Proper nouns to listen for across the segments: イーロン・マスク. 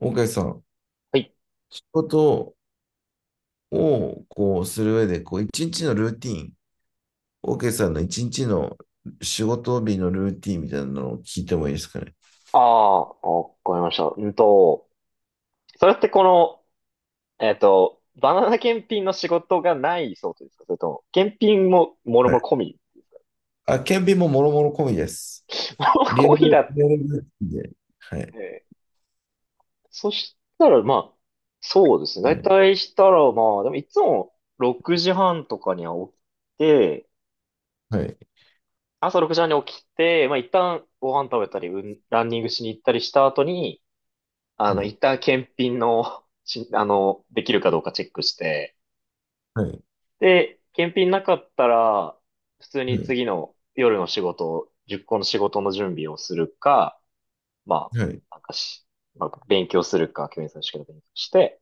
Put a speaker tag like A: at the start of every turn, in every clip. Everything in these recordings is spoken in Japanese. A: 大海さん、
B: はい。
A: 仕事をこうする上で、こう一日のルーティーン、大海さんの一日の仕事日のルーティーンみたいなのを聞いてもいいですかね。
B: ああ、わかりました。それってこの、バナナ検品の仕事がないそうですか？それとも、検品も、もろ
A: は
B: もろ込
A: い。
B: み。
A: あ、顕微ももろもろ込みです。
B: もろも
A: リア
B: ろ
A: ル、
B: 込みだっ
A: リアルルーティーンで。はい。
B: て。そしたら、まあ、そうですね。だ
A: は
B: い
A: い。
B: たいしたら、まあ、でもいつも6時半とかには起きて、
A: はい。
B: 朝6時半に起きて、まあ一旦ご飯食べたり、うん、ランニングしに行ったりした後に、
A: はい。
B: 一旦検品の、しあの、できるかどうかチェックして、
A: はい。
B: で、検品なかったら、普通に次の夜の仕事、10個の仕事の準備をするか、ま
A: はい。
B: あ、なんかし、まあ、勉強するか、教員さんの試験の勉強して、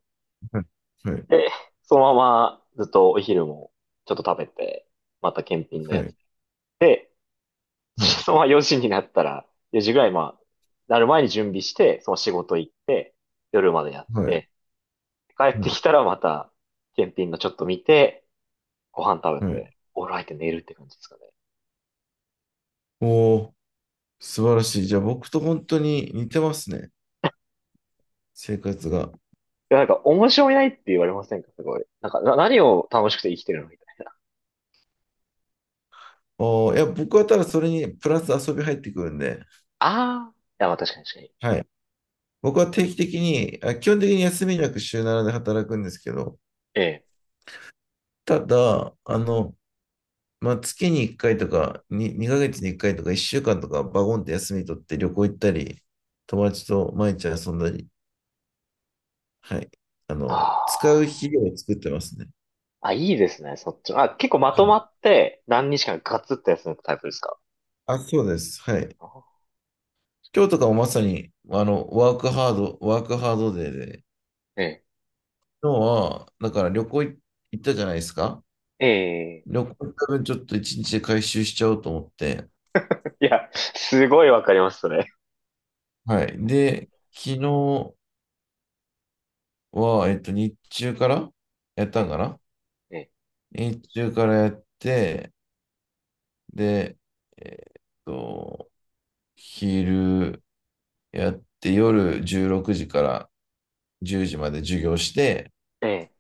A: はい。
B: で、そのままずっとお昼もちょっと食べて、また検品の
A: は
B: やつ
A: い。
B: で、
A: はい。はい。
B: そのまま4時になったら、4時ぐらい、まあ、なる前に準備して、その仕事行って、夜までやっ
A: はい。
B: て、帰っ
A: は
B: て
A: い。
B: きたらまた、検品のちょっと見て、ご飯食べ
A: はい。
B: て、お風呂入って寝るって感じですかね。
A: おー、素晴らしい。じゃあ僕と本当に似てますね。生活が。
B: いや、なんか、面白いないって言われませんか？すごい。なんか、何を楽しくて生きてるのみたいな。
A: おー、いや、僕はただそれにプラス遊び入ってくるんで。
B: ああ。いや、まあ、確かに、確かに。
A: はい。僕は定期的に、あ、基本的に休みなく週7で働くんですけど、
B: ええ。
A: ただ、まあ、月に1回とかに、2ヶ月に1回とか1週間とかバゴンって休み取って旅行行ったり、友達と毎日遊んだり、はい。
B: あ
A: 使う肥料を作ってますね。
B: あ。あ、いいですね、そっちの。あ、結構ま
A: は
B: と
A: い。
B: まって何日間かガツって休むタイプですか？
A: あ、そうです。はい。
B: あー
A: 今日とかもまさに、ワークハードデーで、
B: え
A: 今日は、だから旅行行ったじゃないですか。
B: え。ええ。
A: 旅行多分ちょっと1日で回収しちゃおうと思って、
B: いや、すごいわかります、それ。
A: はい。
B: なんか、
A: で、昨日は、日中からやっ
B: え
A: たんかな
B: え、え
A: 日中からやって、で、えっと、昼やって、夜16時から10時まで授業して、
B: え、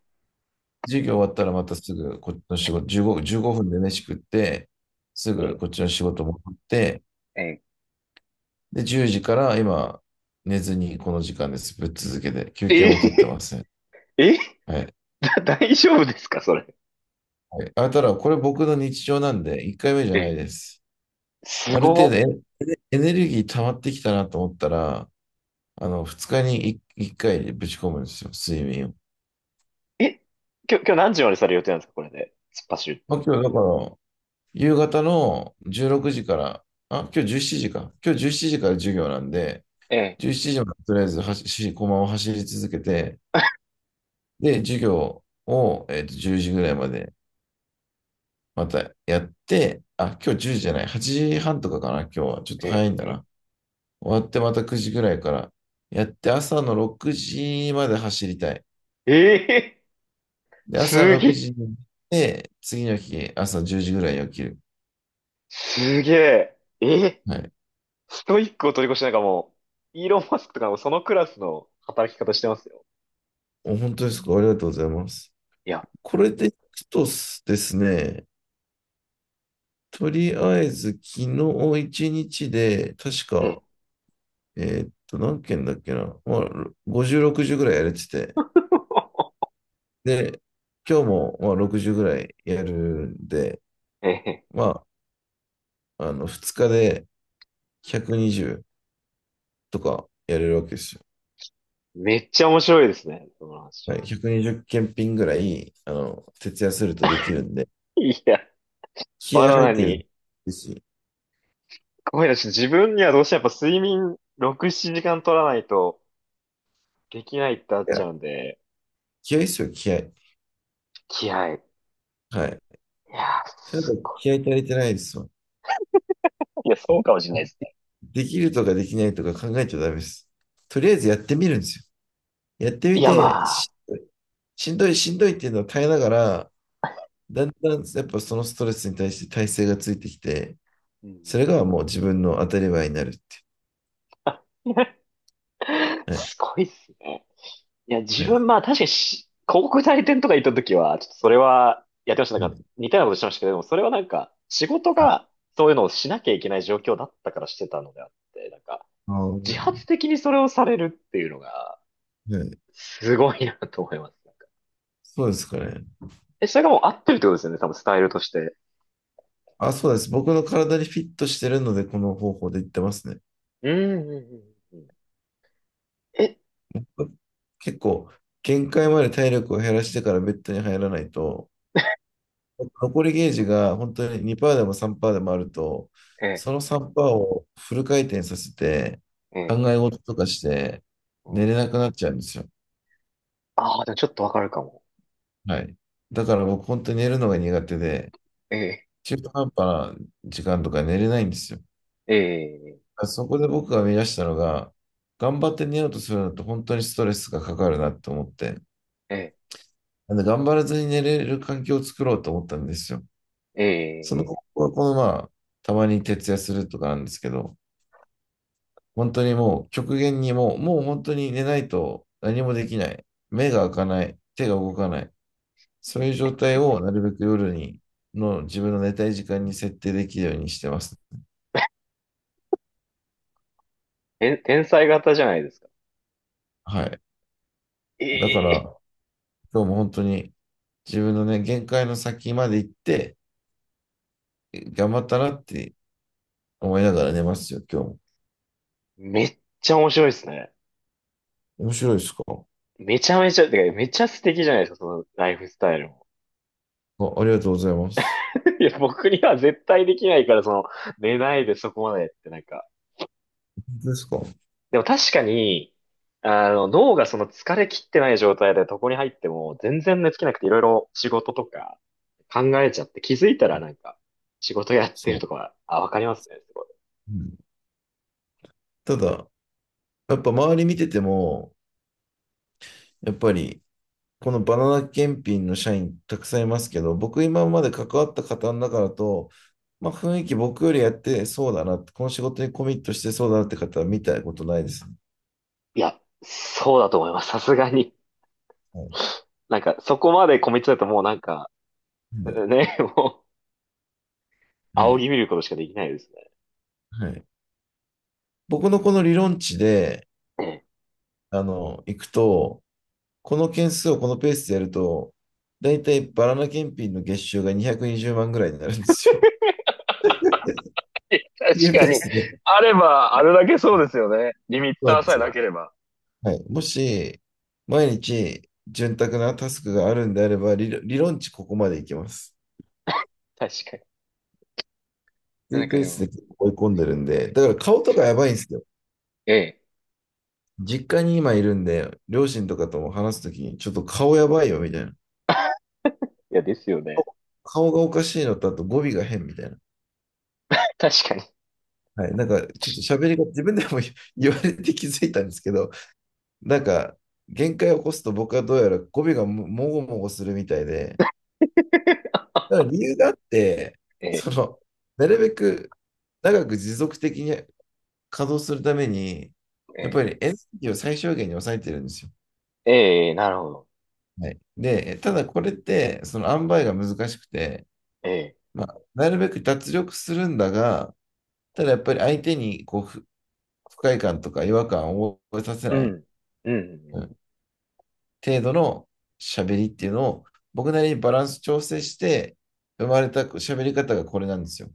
A: 授業終わったらまたすぐこっちの仕事、15分で飯食って、す
B: え
A: ぐ
B: え、
A: こっちの仕事戻って、
B: ええ、
A: で、10時から今、寝ずにこの時間です。ぶっ続けて、休憩
B: え
A: も取ってま
B: え、
A: せん。
B: ええ、
A: はい。
B: 大丈夫ですか、それ。
A: はい。あ、ただ、これ僕の日常なんで、1回目じ
B: え
A: ゃない
B: え。
A: です。
B: す
A: ある
B: ご
A: 程度
B: っ。
A: エネルギー溜まってきたなと思ったら、2日に1回ぶち込むんですよ、睡眠を。
B: え、今日何時までされる予定なんですか、これで？突っ走るっ
A: ま
B: て。
A: あ、今日だから、夕方の16時から、あ、今日17時か。今日17時から授業なんで、
B: ええ、
A: 17時までとりあえず駒を走り続けて、で、授業を、10時ぐらいまでまたやって、あ、今日10時じゃない、8時半とかかな、今日は。ちょっと
B: え
A: 早いん
B: え、
A: だ
B: え
A: な。終わってまた9時ぐらいから。やって朝の6時まで走りたい。
B: え。ええ。
A: で、朝の
B: す
A: 6
B: げ、
A: 時に行って、次の日朝10時ぐらいに起きる。
B: すげえ。え、
A: はい。
B: ストイックを取り越してなんかもう、イーロン・マスクとかもそのクラスの働き方してますよ。
A: お、本当ですか。ありがとうございます。
B: いや、
A: これでいくとですね、とりあえず昨日1日で、確
B: え
A: か、
B: え、
A: 何件だっけな。まあ、50、60ぐらいやれてて。で、今日もまあ60ぐらいやるんで、
B: ええ、
A: まあ、2日で120とかやれるわけですよ。
B: めっちゃ面白いですね、その
A: は
B: 話。
A: い、120件ンぐらい、徹夜するとできるんで、
B: いや、
A: 気
B: バ
A: 合
B: ナ
A: 入っ
B: ナ
A: てる
B: に、
A: し、い
B: ごめんなさい、自分にはどうしてもやっぱ睡眠6、7時間取らないとできないってなっちゃ
A: や、
B: うんで、
A: 気合ですよ、気合。
B: 気合い。
A: はい。
B: いや、
A: それだ
B: す
A: と
B: ご
A: 気合足りてないですよ。
B: い。いや、そうかもしれないですね。
A: できるとかできないとか考えちゃダメです。とりあえずやってみるんですよ。やって
B: い
A: み
B: や、
A: て、
B: まあ、
A: しんどい、しんどい、しんどいっていうのを耐えながら、だんだんやっぱそのストレスに対して耐性がついてきて、
B: う
A: そ
B: ん。
A: れがもう自分の当たり前になるって。はい。
B: すごいっすね。いや、自
A: は
B: 分、
A: い。
B: まあ確かに、広告代理店とか行った時は、ちょっとそれはやってました。な
A: は
B: んか
A: い。
B: 似たようなことしてましたけど、でもそれはなんか、仕事がそういうのをしなきゃいけない状況だったからしてたのであって、なんか、
A: あ
B: 自発
A: ー、
B: 的にそれをされるっていうのが、
A: はい、
B: すごいなと思います。なんか
A: そうですかね。
B: それがもう合ってるってことですよね、多分スタイルとして。
A: あ、そうです。僕の体にフィットしてるので、この方法で言ってますね。
B: うんうん、うんうん。え、
A: 結構、限界まで体力を減らしてからベッドに入らないと、残りゲージが本当に2%でも3%でもあると、
B: ええ、
A: その3%をフル回転させて、
B: え
A: 考
B: え、
A: え事とかして、
B: うん。
A: 寝れなくなっちゃうんですよ。
B: ああ、でもちょっとわかるかも。
A: はい。だから僕、本当に寝るのが苦手で、
B: ええ、
A: 中途半端な時間とか寝れないんですよ。
B: ええ、
A: そこで僕が見出したのが、頑張って寝ようとするのと本当にストレスがかかるなと思って、
B: ええ、
A: 頑張らずに寝れる環境を作ろうと思ったんですよ。
B: ええ、
A: その
B: え
A: 方
B: え、
A: 法はこのまあ、たまに徹夜するとかなんですけど、本当にもう極限にもう本当に寝ないと何もできない。目が開かない。手が動
B: え
A: かない。そういう
B: え、
A: 状態をなるべく夜に、の自分の寝たい時間に設定できるようにしてます。
B: ええ、天才型じゃないですか。
A: はい。だから、
B: ええ、
A: 今日も本当に自分のね、限界の先まで行って、頑張ったなって思いながら寝ますよ、今日も。
B: めっちゃ面白いですね。
A: 面白いですか。
B: めちゃめちゃ、てか、めちゃ素敵じゃないですか、そのライフスタイルも。
A: あ、ありがとうございます。
B: いや、僕には絶対できないから、その、寝ないでそこまでってなんか。
A: ですか。
B: でも確かに、脳がその疲れ切ってない状態で床に入っても、全然寝つけなくていろいろ仕事とか考えちゃって気づいたらなんか、仕事やってる
A: そう。
B: とか、あ、わかりますね、すごい。
A: うん。ただ、やっぱ周り見てても、やっぱり、このバナナ検品の社員たくさんいますけど、僕今まで関わった方の中だと、まあ雰囲気僕よりやってそうだなって、この仕事にコミットしてそうだなって方は見たことないですね。
B: いや、そうだと思います、さすがに。
A: はい。
B: なんか、そこまでコミットだともうなんか、
A: はい。
B: ね、もう、
A: は
B: 仰
A: い。
B: ぎ見ることしかできないですね。
A: はい。僕のこの理論値で、
B: ええ。
A: いくと、この件数をこのペースでやると、だいたいバナナ検品の月収が220万ぐらいになるんですよ。そ
B: 確かに。
A: う
B: あれば、あれだけそうですよね。リミッ
A: な
B: タ
A: ん
B: ー
A: で
B: さえ
A: す
B: な
A: よ。
B: ければ。
A: はい。もし、毎日、潤沢なタスクがあるんであれば、理論値ここまでいきます。
B: 確かに。
A: ってい
B: なん
A: う
B: か
A: ペー
B: で
A: ス
B: も、
A: で結構追い込んでるんで、だから顔とかやばいんですよ。
B: ええ、
A: 実家に今いるんで、両親とかとも話すときに、ちょっと顔やばいよ、みたいな。
B: いや、ですよね。
A: 顔がおかしいのと、あと語尾が変みたいな。
B: 確かに。
A: はい。なんか、ちょっと喋りが自分でも 言われて気づいたんですけど、なんか、限界を起こすと僕はどうやら語尾がももごもごするみたいで、だから理由があって、
B: え
A: そ
B: え、
A: の、なるべく長く持続的に稼働するために、やっ
B: え
A: ぱりエネルギーを最小限に抑えてるんですよ。
B: え、ええ、なるほど。
A: はい、で、ただこれって、その塩梅が難しくて、
B: ええ、
A: まあ、なるべく脱力するんだが、ただやっぱり相手にこう不快感とか違和感を覚えさせ
B: う
A: ない、
B: ん、う
A: う
B: ん。
A: ん、程度の喋りっていうのを、僕なりにバランス調整して、生まれた喋り方がこれなんですよ。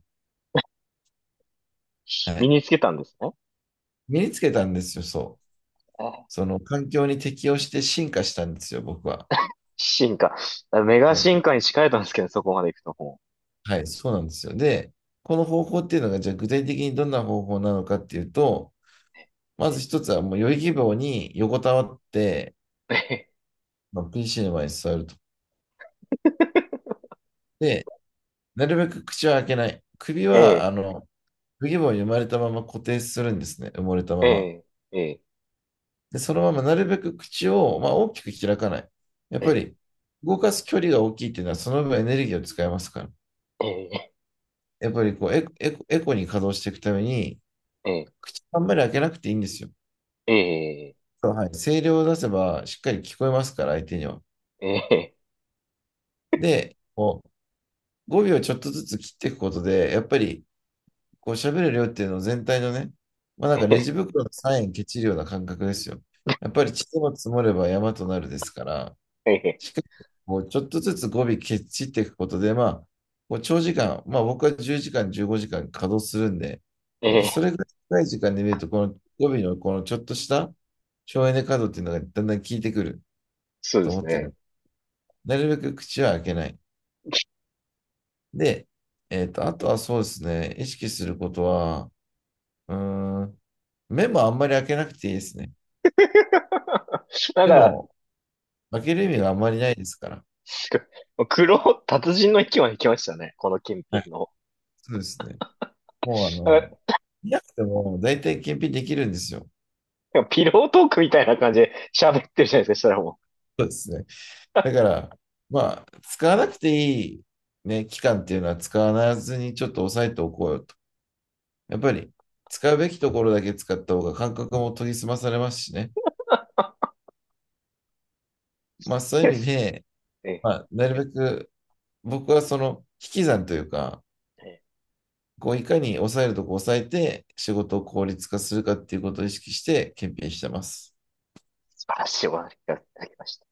A: は
B: 身
A: い。
B: につけたんですね。
A: 身につけたんですよ、そう。
B: あ、
A: その環境に適応して進化したんですよ、僕は。
B: 進化。メガ
A: はい、
B: 進化に近いとんですけどね、そこまで行くとも
A: はい、そうなんですよ。で、この方法っていうのが、じゃあ具体的にどんな方法なのかっていうと、まず一つはもう余裕希望に横たわって、
B: う。ええ、
A: まあ PC の前に座ると。で、なるべく口は開けない。首
B: え
A: は、
B: え、
A: 不義母に生まれたまま固定するんですね。埋もれたまま。
B: ええ、え
A: で、そのままなるべく口を、まあ、大きく開かない。やっぱ
B: え、
A: り、動かす距離が大きいっていうのは、その分エネルギーを使いますから。
B: ええ、
A: やっぱりこうエコ、エコ、エコに稼働していくために、
B: ええ、
A: 口あんまり開けなくていいんですよ。
B: ええ、ええ、
A: そう、はい、声量を出せばしっかり聞こえますから、相手には。
B: ええ、
A: で、こう語尾をちょっとずつ切っていくことで、やっぱりこう喋る量っていうのを全体のね、まあなんかレジ袋のサインケチるような感覚ですよ。やっぱり地も積もれば山となるですから、
B: ええ、
A: しっかりこうちょっとずつ語尾ケチっていくことで、まあ、こう長時間、まあ僕は10時間、15時間稼働するんで、やっ
B: え
A: ぱそ
B: え、
A: れぐらい長い時間で見ると、この語尾のこのちょっとした省エネ稼働っていうのがだんだん効いてくる
B: そうで
A: と思
B: す
A: って
B: ね。
A: る。なるべく口は開けない。で、あとはそうですね、意識することは、うーん、目もあんまり開けなくていいですね。
B: なん
A: で
B: か、
A: も、開ける意味があんまりないですから。
B: すご、黒、達人の域まで来ましたね。この金
A: はい。
B: 品の。
A: そうですね。もう、
B: あ、
A: 見なくても大体検品できるんですよ。
B: でもピロートークみたいな感じで喋ってるじゃないですか、そしたらも
A: そうですね。
B: う。
A: だから、まあ、使わなくていい、ね、期間っていうのは使わずにちょっと抑えておこうよと。やっぱり、使うべきところだけ使った方が感覚も研ぎ澄まされますしね。まあ、そ うい
B: で
A: う意味
B: す。
A: で、
B: え
A: まあ、なるべく僕はその引き算というか、
B: え、
A: こういかに抑えるとこ抑えて仕事を効率化するかっていうことを意識して検品してます。
B: 素晴らしいお話いただきました。